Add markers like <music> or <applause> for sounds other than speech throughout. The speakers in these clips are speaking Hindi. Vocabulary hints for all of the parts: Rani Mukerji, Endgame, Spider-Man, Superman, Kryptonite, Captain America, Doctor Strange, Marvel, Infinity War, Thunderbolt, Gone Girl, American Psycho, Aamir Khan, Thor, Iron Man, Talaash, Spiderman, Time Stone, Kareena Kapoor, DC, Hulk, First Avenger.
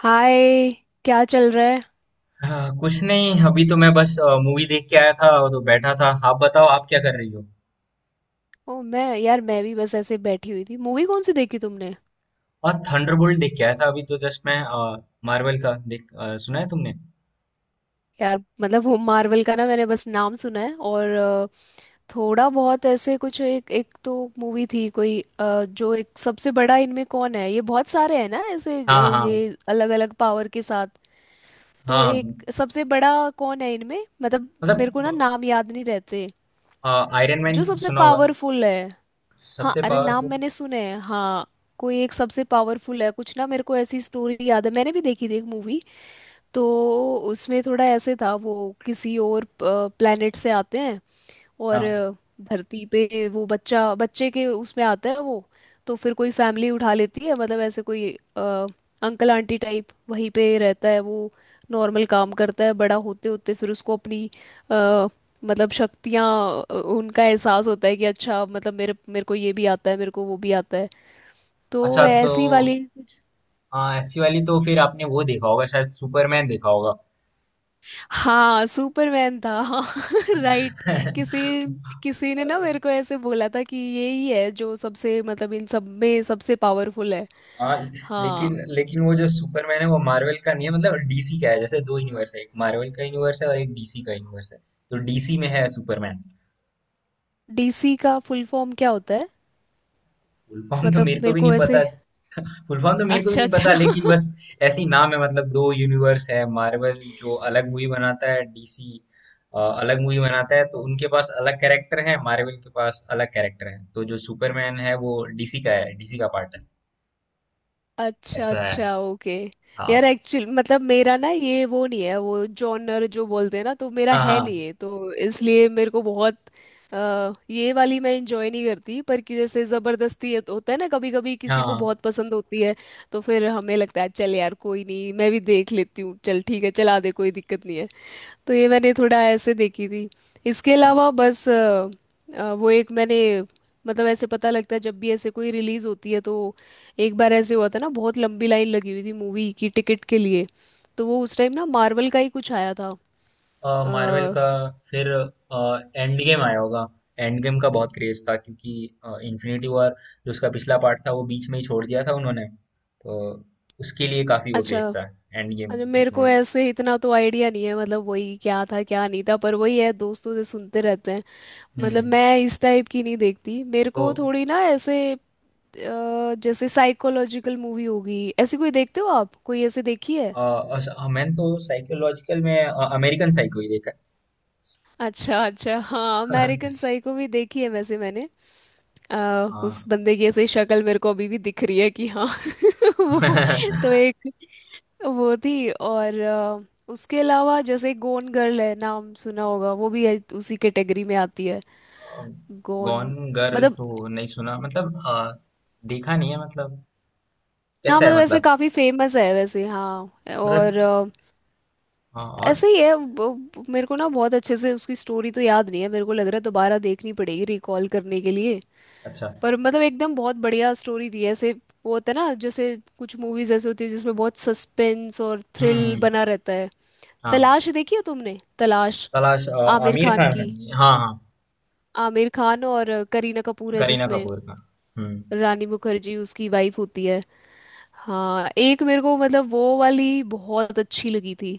हाय। क्या चल रहा है। हाँ, कुछ नहीं। अभी तो मैं बस मूवी देख के आया था और तो बैठा था। आप बताओ, आप क्या कर रही हो। ओ मैं यार मैं भी बस ऐसे बैठी हुई थी। मूवी कौन सी देखी तुमने? और थंडरबोल्ट देख के आया था अभी तो जस्ट मैं मार्वल का देख सुना है तुमने। यार मतलब वो मार्वल का ना, मैंने बस नाम सुना है और थोड़ा बहुत ऐसे कुछ एक एक तो मूवी थी कोई, जो एक सबसे बड़ा इनमें कौन है, ये बहुत सारे हैं ना ऐसे, हाँ, हाँ। ये अलग अलग पावर के साथ। तो हाँ, एक सबसे बड़ा कौन है इनमें? मतलब मेरे को ना मतलब नाम याद नहीं रहते। आयरन जो मैन सबसे सुना होगा। पावरफुल है। हाँ सबसे अरे, नाम पावरफुल। मैंने सुने हैं हाँ। कोई एक सबसे पावरफुल है कुछ ना। मेरे को ऐसी स्टोरी याद है, मैंने भी देखी थी एक मूवी। तो उसमें थोड़ा ऐसे था वो किसी और प्लेनेट से आते हैं, और हाँ, धरती पे वो बच्चा बच्चे के उसमें आता है वो। तो फिर कोई फैमिली उठा लेती है, मतलब ऐसे कोई अ, अंकल आंटी टाइप। वहीं पे रहता है वो, नॉर्मल काम करता है। बड़ा होते होते फिर उसको अपनी अ, मतलब शक्तियाँ, उनका एहसास होता है कि अच्छा मतलब मेरे मेरे को ये भी आता है, मेरे को वो भी आता है। तो अच्छा वह तो ऐसी वाली। हाँ, ऐसी वाली। तो फिर आपने वो देखा होगा, शायद सुपरमैन देखा होगा। हाँ सुपरमैन था हाँ। <laughs> राइट। किसी किसी ने ना <laughs> मेरे को ऐसे बोला था कि यही है जो सबसे मतलब इन सब में सबसे पावरफुल है। आ, लेकिन हाँ। लेकिन वो जो सुपरमैन है वो मार्वल का नहीं है, मतलब डीसी का है। जैसे दो यूनिवर्स है, एक मार्वल का यूनिवर्स है और एक डीसी का यूनिवर्स है। तो डीसी में है सुपरमैन। डीसी का फुल फॉर्म क्या होता है? फुल फॉर्म तो मतलब मेरे को मेरे भी नहीं को पता। ऐसे। फुल फॉर्म तो मेरे को भी अच्छा नहीं अच्छा। पता, लेकिन बस ऐसी नाम है। मतलब दो यूनिवर्स है, मार्वल जो अलग मूवी बनाता है, डीसी अलग मूवी बनाता है। तो उनके पास अलग कैरेक्टर है, मार्वल के पास अलग कैरेक्टर है। तो जो सुपरमैन है वो डीसी का है, डीसी का पार्ट है। अच्छा ऐसा है। अच्छा ओके। हाँ। यार एक्चुअल मतलब मेरा ना ये वो नहीं है, वो जॉनर जो बोलते हैं ना, तो मेरा है हाँ, नहीं है, तो इसलिए मेरे को बहुत ये वाली मैं इंजॉय नहीं करती। पर कि जैसे ज़बरदस्ती है तो होता है ना, कभी कभी हाँ, किसी को हाँ। बहुत पसंद होती है, तो फिर हमें लगता है चल यार कोई नहीं, मैं भी देख लेती हूँ, चल ठीक है चला दे, कोई दिक्कत नहीं है। तो ये मैंने थोड़ा ऐसे देखी थी। इसके अलावा बस वो एक मैंने, मतलब ऐसे पता लगता है जब भी ऐसे कोई रिलीज होती है तो। एक बार ऐसे हुआ था ना, बहुत लंबी लाइन लगी हुई थी मूवी की टिकट के लिए। तो वो उस टाइम ना मार्वल का ही कुछ आया था मार्वल अ, का। फिर एंड गेम आया होगा। एंड गेम का बहुत क्रेज था, क्योंकि इन्फिनिटी वॉर, जो उसका पिछला पार्ट था, वो बीच में ही छोड़ दिया था उन्होंने। तो उसके लिए काफी वो क्रेज अच्छा था, एंड गेम। अच्छा। एक मेरे को मूवी था। ऐसे इतना तो आइडिया नहीं है, मतलब वही क्या था क्या नहीं था, पर वही है, दोस्तों से सुनते रहते हैं। मतलब हम्म। मैं इस टाइप की नहीं देखती, मेरे तो को थोड़ी ना ऐसे जैसे साइकोलॉजिकल मूवी होगी ऐसी, कोई देखते हो आप? कोई ऐसे देखी है? अ, मैंने तो साइकोलॉजिकल में अमेरिकन साइको ही देखा अच्छा अच्छा, हाँ है। अमेरिकन <laughs> साइको भी देखी है वैसे मैंने। आ, उस हाँ। बंदे की ऐसे शक्ल मेरे को अभी भी दिख रही है कि हाँ <laughs> वो। तो <laughs> एक वो थी और उसके अलावा जैसे गोन गर्ल है, नाम सुना होगा, वो भी है, उसी कैटेगरी में आती है। गोन। गॉन गर्ल मतलब तो नहीं सुना, मतलब देखा नहीं है, मतलब हाँ, कैसा है मतलब ऐसे मतलब। काफी फेमस है वैसे, हाँ और मतलब हाँ और। ऐसे ही है वो- मेरे को ना बहुत अच्छे से उसकी स्टोरी तो याद नहीं है, मेरे को लग रहा है दोबारा देखनी पड़ेगी रिकॉल करने के लिए। अच्छा। पर मतलब एकदम बहुत बढ़िया स्टोरी थी ऐसे। वो होता है ना जैसे कुछ मूवीज ऐसे होती है जिसमें बहुत सस्पेंस और हम्म, थ्रिल हम्म। बना रहता है। हाँ, तलाश देखी है तुमने? तलाश, तलाश। आमिर आमिर खान खान है। की। हाँ, हाँ। आमिर खान और करीना कपूर है करीना जिसमें। कपूर का। हम्म। रानी मुखर्जी उसकी वाइफ होती है। हाँ एक मेरे को मतलब वो वाली बहुत अच्छी लगी थी।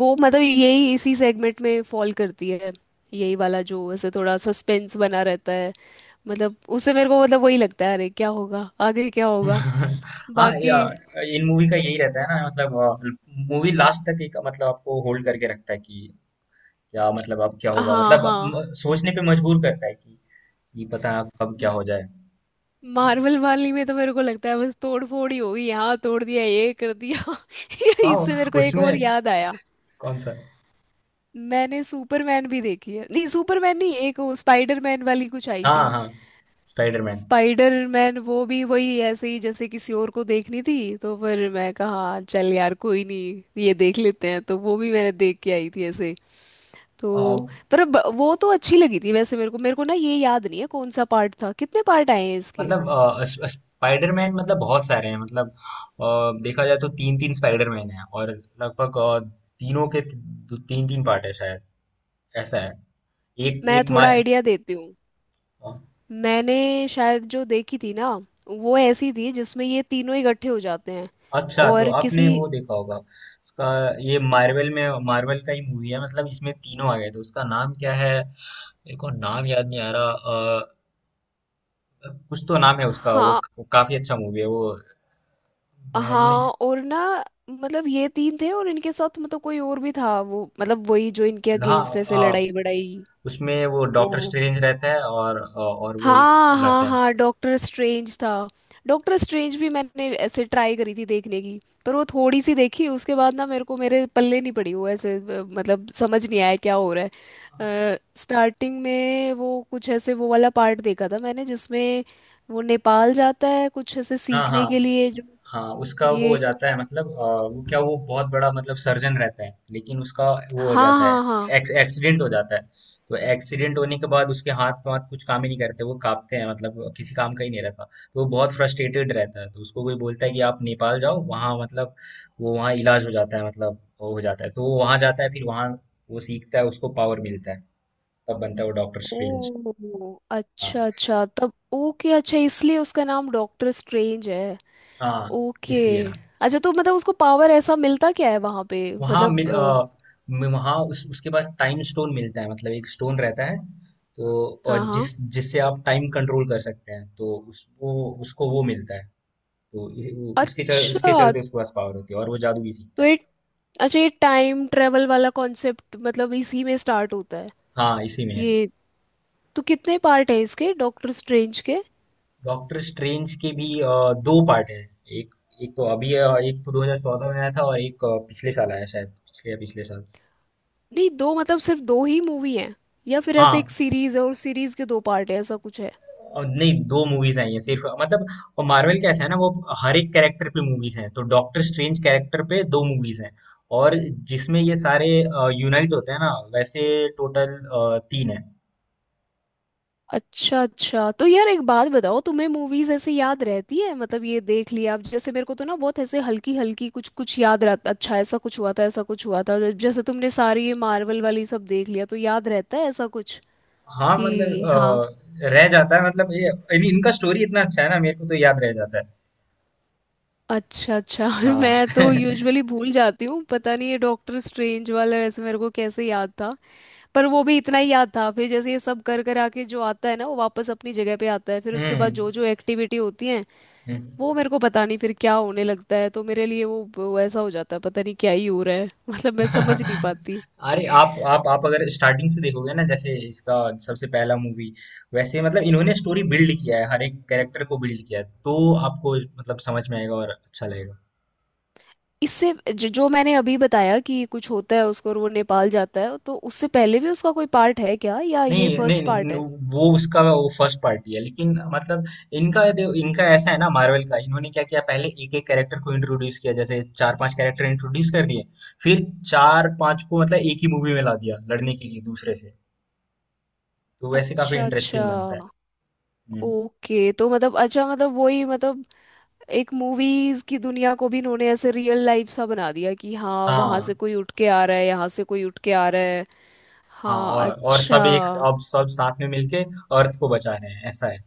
वो मतलब यही इसी सेगमेंट में फॉल करती है, यही वाला जो ऐसे थोड़ा सस्पेंस बना रहता है। मतलब उससे मेरे को मतलब वही लगता है अरे क्या होगा, आगे क्या होगा। <laughs> हाँ, बाकी या इन मूवी का यही रहता है ना। मतलब मूवी लास्ट तक एक, मतलब आपको होल्ड करके रखता है कि क्या, मतलब अब क्या होगा, हाँ मतलब हाँ। सोचने पे मजबूर करता है कि पता है अब कब क्या हो जाए। मार्वल वाली में तो मेरे को लगता है बस तोड़ फोड़ ही होगी, यहाँ तोड़ दिया ये कर दिया। <laughs> हाँ, इससे मेरे को एक उसमें। और याद आया। कौन सा? मैंने सुपरमैन भी देखी है, नहीं सुपरमैन नहीं, एक वो स्पाइडरमैन वाली कुछ आई हाँ, थी। हाँ, स्पाइडरमैन। स्पाइडरमैन, वो भी वही ऐसे ही जैसे किसी और को देखनी थी तो फिर मैं कहा "हाँ, चल यार कोई नहीं ये देख लेते हैं, तो वो भी मैंने देख के आई थी ऐसे। अ, तो पर ब- वो तो अच्छी लगी थी वैसे मेरे को। मेरे को ना ये याद नहीं है कौन सा पार्ट था, कितने पार्ट आए हैं इसके। मतलब स्पाइडरमैन, मतलब बहुत सारे हैं। मतलब अ, देखा जाए तो तीन तीन स्पाइडरमैन है, और लगभग तीनों के तीन तीन पार्ट है शायद। ऐसा है। एक मैं एक थोड़ा मार। आइडिया देती हूँ। मैंने शायद जो देखी थी ना, वो ऐसी थी जिसमें ये तीनों इकट्ठे हो जाते हैं अच्छा, तो और आपने किसी। वो देखा होगा उसका। ये मार्वल में, मार्वल का ही मूवी है, मतलब इसमें तीनों आ गए। तो उसका नाम क्या है? मेरे को नाम याद नहीं आ रहा। कुछ तो नाम है उसका हाँ वो काफी अच्छा मूवी है वो। मैडनेस। हाँ। और ना मतलब ये तीन थे और इनके साथ मतलब कोई और भी था वो, मतलब वही जो इनके हाँ, अगेंस्ट ऐसे अ, लड़ाई बड़ाई। उसमें वो डॉक्टर वो स्ट्रेंज रहता है, और वो हाँ हाँ लड़ते हैं। हाँ, डॉक्टर स्ट्रेंज था। डॉक्टर स्ट्रेंज भी मैंने ऐसे ट्राई करी थी देखने की। पर वो थोड़ी सी देखी उसके बाद ना मेरे को मेरे पल्ले नहीं पड़ी, वो ऐसे मतलब समझ नहीं आया क्या हो रहा है। स्टार्टिंग में वो कुछ ऐसे वो वाला पार्ट देखा था मैंने जिसमें वो नेपाल जाता है कुछ ऐसे हाँ, हाँ, सीखने के लिए जो हाँ। उसका वो ये। हो जाता है, मतलब वो क्या, वो बहुत बड़ा मतलब सर्जन रहता है, लेकिन उसका वो हो हाँ जाता है, हाँ हाँ। एक्सीडेंट हो जाता है। तो एक्सीडेंट होने के बाद उसके हाथ वाथ कुछ काम ही नहीं करते, वो कांपते हैं, मतलब किसी काम का ही नहीं रहता। तो वो बहुत फ्रस्ट्रेटेड रहता है, तो उसको कोई बोलता है कि आप नेपाल जाओ, वहाँ मतलब वो वहाँ इलाज हो जाता है, मतलब वो हो जाता है। तो वो वहाँ जाता है, फिर वहाँ वो सीखता है, उसको पावर मिलता है। तब बनता है वो डॉक्टर स्ट्रेंज। ओ हाँ, अच्छा अच्छा, तब ओके, अच्छा इसलिए उसका नाम डॉक्टर स्ट्रेंज है। हाँ, ओके। इसलिए ना। अच्छा तो मतलब उसको पावर ऐसा मिलता क्या है वहां पे? वहाँ मतलब मिल अ, म- वहाँ उसके बाद टाइम स्टोन मिलता है, मतलब एक स्टोन रहता है। तो और हाँ हाँ। जिससे आप टाइम कंट्रोल कर सकते हैं, तो वो उसको वो मिलता है। तो उसके अच्छा चलते उसके पास पावर होती है और वो जादू भी सीखता तो है। ये अच्छा ये टाइम ट्रेवल वाला कॉन्सेप्ट मतलब इसी में स्टार्ट होता है हाँ, इसी में है। ये? तो कितने पार्ट है इसके डॉक्टर स्ट्रेंज के? डॉक्टर स्ट्रेंज के भी दो पार्ट है। एक, एक तो अभी है और एक तो 2014 में आया था, और एक पिछले साल आया शायद, पिछले या पिछले साल। नहीं दो, मतलब सिर्फ दो ही मूवी हैं या फिर ऐसे एक हाँ सीरीज है और सीरीज के दो पार्ट है, ऐसा कुछ है? और नहीं, दो मूवीज आई हैं सिर्फ, मतलब। और मार्वल कैसा है ना वो, हर एक कैरेक्टर पे मूवीज हैं, तो डॉक्टर स्ट्रेंज कैरेक्टर पे दो मूवीज हैं। और जिसमें ये सारे यूनाइट होते हैं ना, वैसे टोटल तीन है। अच्छा अच्छा। तो यार एक बात बताओ, तुम्हें मूवीज ऐसे याद रहती है? मतलब ये देख लिया अब, जैसे मेरे को तो ना बहुत ऐसे हल्की हल्की कुछ कुछ याद रहता, अच्छा ऐसा कुछ हुआ था ऐसा कुछ हुआ था, तो जैसे तुमने सारी ये मार्वल वाली सब देख लिया तो याद रहता है ऐसा कुछ हाँ, कि मतलब हाँ? रह जाता है, मतलब ये इनका स्टोरी इतना अच्छा है ना, मेरे को तो याद रह जाता है। अच्छा अच्छा। <laughs> हाँ। मैं तो <laughs> यूजुअली भूल जाती हूँ, पता नहीं ये डॉक्टर स्ट्रेंज वाला वैसे मेरे को कैसे याद था। पर वो भी इतना ही याद था, फिर जैसे ये सब कर कर आके जो आता है ना वो वापस अपनी जगह पे आता है, फिर उसके बाद हम्म, जो जो एक्टिविटी होती है हम्म। वो मेरे को पता नहीं फिर क्या होने लगता है, तो मेरे लिए वो ऐसा हो जाता है पता नहीं क्या ही हो रहा है। <laughs> मतलब मैं समझ नहीं <laughs> पाती। अरे आप अगर स्टार्टिंग से देखोगे ना, जैसे इसका सबसे पहला मूवी, वैसे मतलब इन्होंने स्टोरी बिल्ड किया है, हर एक कैरेक्टर को बिल्ड किया है, तो आपको मतलब समझ में आएगा और अच्छा लगेगा। इससे जो, जो मैंने अभी बताया कि कुछ होता है उसको और वो नेपाल जाता है, तो उससे पहले भी उसका कोई पार्ट है क्या या ये नहीं, नहीं, फर्स्ट नहीं। पार्ट है? वो उसका वो फर्स्ट पार्ट ही है, लेकिन मतलब इनका ऐसा है ना, मार्वल का इन्होंने क्या किया, पहले एक एक कैरेक्टर को इंट्रोड्यूस किया, जैसे चार पांच कैरेक्टर इंट्रोड्यूस कर दिए। फिर चार पांच को मतलब एक ही मूवी में ला दिया लड़ने के लिए दूसरे से। तो वैसे काफी अच्छा अच्छा इंटरेस्टिंग बनता है। हम्म। ओके। तो मतलब अच्छा मतलब वही मतलब एक मूवीज की दुनिया को भी इन्होंने ऐसे रियल लाइफ सा बना दिया कि हाँ वहां से हाँ, कोई उठ के आ रहा है, यहाँ से कोई उठ के आ रहा है। हाँ। हाँ और अच्छा। सब एक, अब सब साथ में मिलके अर्थ को बचा रहे हैं, ऐसा है।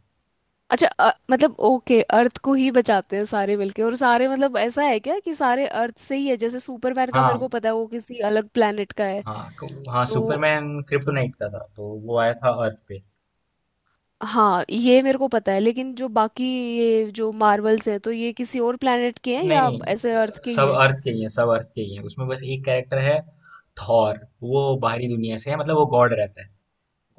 अच्छा मतलब ओके, अर्थ को ही बचाते हैं सारे मिलके, और सारे मतलब ऐसा है क्या कि सारे अर्थ से ही है? जैसे सुपरमैन का मेरे हाँ, को पता है वो किसी अलग प्लेनेट का है। हाँ, हाँ, तो सुपरमैन क्रिप्टोनाइट का था तो वो आया था अर्थ पे। हाँ ये मेरे को पता है, लेकिन जो बाकी ये जो मार्वल्स है तो ये किसी और प्लेनेट के हैं नहीं, या ऐसे नहीं, अर्थ के ही सब हैं? अर्थ के ही है। सब अर्थ के ही है, उसमें बस एक कैरेक्टर है थॉर, वो बाहरी दुनिया से है, मतलब वो गॉड रहता है,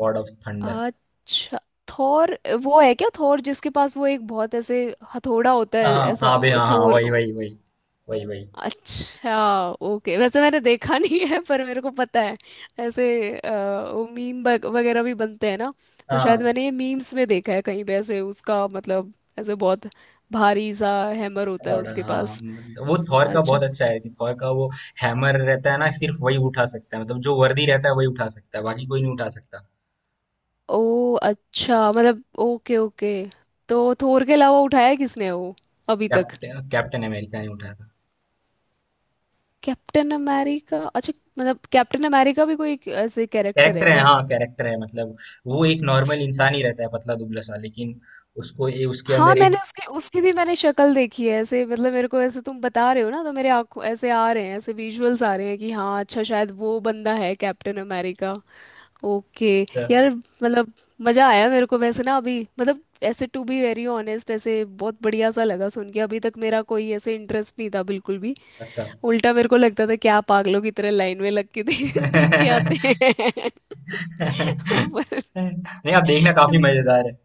गॉड ऑफ थंडर। अच्छा थोर। वो है क्या थोर जिसके पास वो एक बहुत ऐसे हथौड़ा होता है हाँ, ऐसा? हाँ, बे, हाँ, हाँ, थोर। वही, वही, वही। वही, वही। अच्छा ओके, वैसे मैंने देखा नहीं है पर मेरे को पता है ऐसे। अ, वो मीम वगैरह भी बनते हैं ना, तो शायद हाँ, मैंने ये मीम्स में देखा है कहीं पे ऐसे उसका मतलब ऐसे बहुत भारी सा हैमर होता है थोड़ा उसके हाँ, पास। मतलब वो थॉर का अच्छा। बहुत अच्छा है कि थॉर का वो हैमर रहता है ना, सिर्फ वही उठा सकता है, मतलब जो वर्दी रहता है वही उठा सकता है, बाकी कोई नहीं उठा सकता। ओ अच्छा, मतलब ओके ओके। तो थोर के अलावा उठाया है किसने वो अभी तक? कैप्टन कैप्टन अमेरिका नहीं उठाया था। कैप्टन अमेरिका, अच्छा। मतलब कैप्टन अमेरिका भी कोई एक ऐसे कैरेक्टर है कैरेक्टर है, क्या? हाँ कैरेक्टर है, मतलब वो एक नॉर्मल इंसान ही रहता है, पतला दुबला सा, लेकिन उसको ये, उसके हाँ अंदर एक। मैंने उसकी उसकी भी मैंने शक्ल देखी है ऐसे, मतलब मेरे को ऐसे तुम बता रहे हो ना तो मेरे आंखों ऐसे आ रहे हैं, ऐसे विजुअल्स आ रहे हैं कि हाँ अच्छा शायद वो बंदा है कैप्टन अमेरिका। ओके। यार मतलब मजा आया मेरे को वैसे ना अभी मतलब, ऐसे टू बी वेरी ऑनेस्ट ऐसे बहुत बढ़िया सा लगा सुन के, अभी तक मेरा कोई ऐसे इंटरेस्ट नहीं था बिल्कुल भी। अच्छा। उल्टा मेरे को लगता था क्या पागलों की तरह लाइन में लग के दे, <laughs> देख के <laughs> आते हैं। <laughs> पर नहीं, आप देखना, काफी मजेदार है।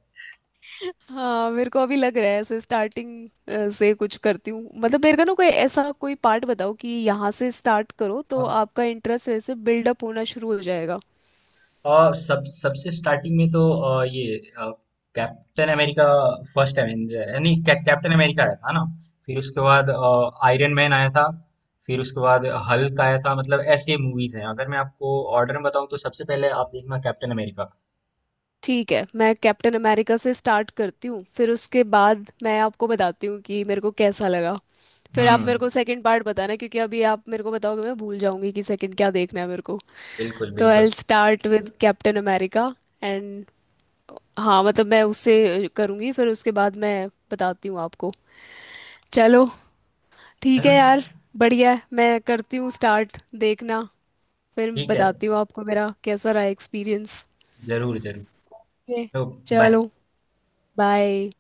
हाँ मेरे को अभी लग रहा है ऐसे स्टार्टिंग से कुछ करती हूँ। मतलब मेरे को ना कोई ऐसा कोई पार्ट बताओ कि यहाँ से स्टार्ट करो तो हाँ, आपका इंटरेस्ट ऐसे बिल्डअप होना शुरू हो जाएगा। और सब सबसे स्टार्टिंग में तो ये कैप्टन अमेरिका, फर्स्ट एवेंजर, यानी कैप्टन अमेरिका आया था ना। फिर उसके बाद आयरन मैन आया था। फिर उसके बाद हल्क आया था। मतलब ऐसे मूवीज हैं, अगर मैं आपको ऑर्डर में बताऊं तो सबसे पहले आप देखना कैप्टन अमेरिका। ठीक है, मैं कैप्टन अमेरिका से स्टार्ट करती हूँ, फिर उसके बाद मैं आपको बताती हूँ कि मेरे को कैसा लगा। फिर आप हम्म। मेरे को सेकंड पार्ट बताना, क्योंकि अभी आप मेरे को बताओगे मैं भूल जाऊंगी कि सेकंड क्या देखना है मेरे को। बिल्कुल, तो बिल्कुल। I start with captain America and, हाँ मतलब मैं उससे करूँगी, फिर उसके बाद मैं बताती हूँ आपको। चलो ठीक है चलो, यार, बढ़िया है, मैं करती हूँ स्टार्ट, देखना फिर ठीक है। बताती हूँ आपको मेरा कैसा रहा एक्सपीरियंस। जरूर, जरूर। ओके। तो बाय। चलो बाय।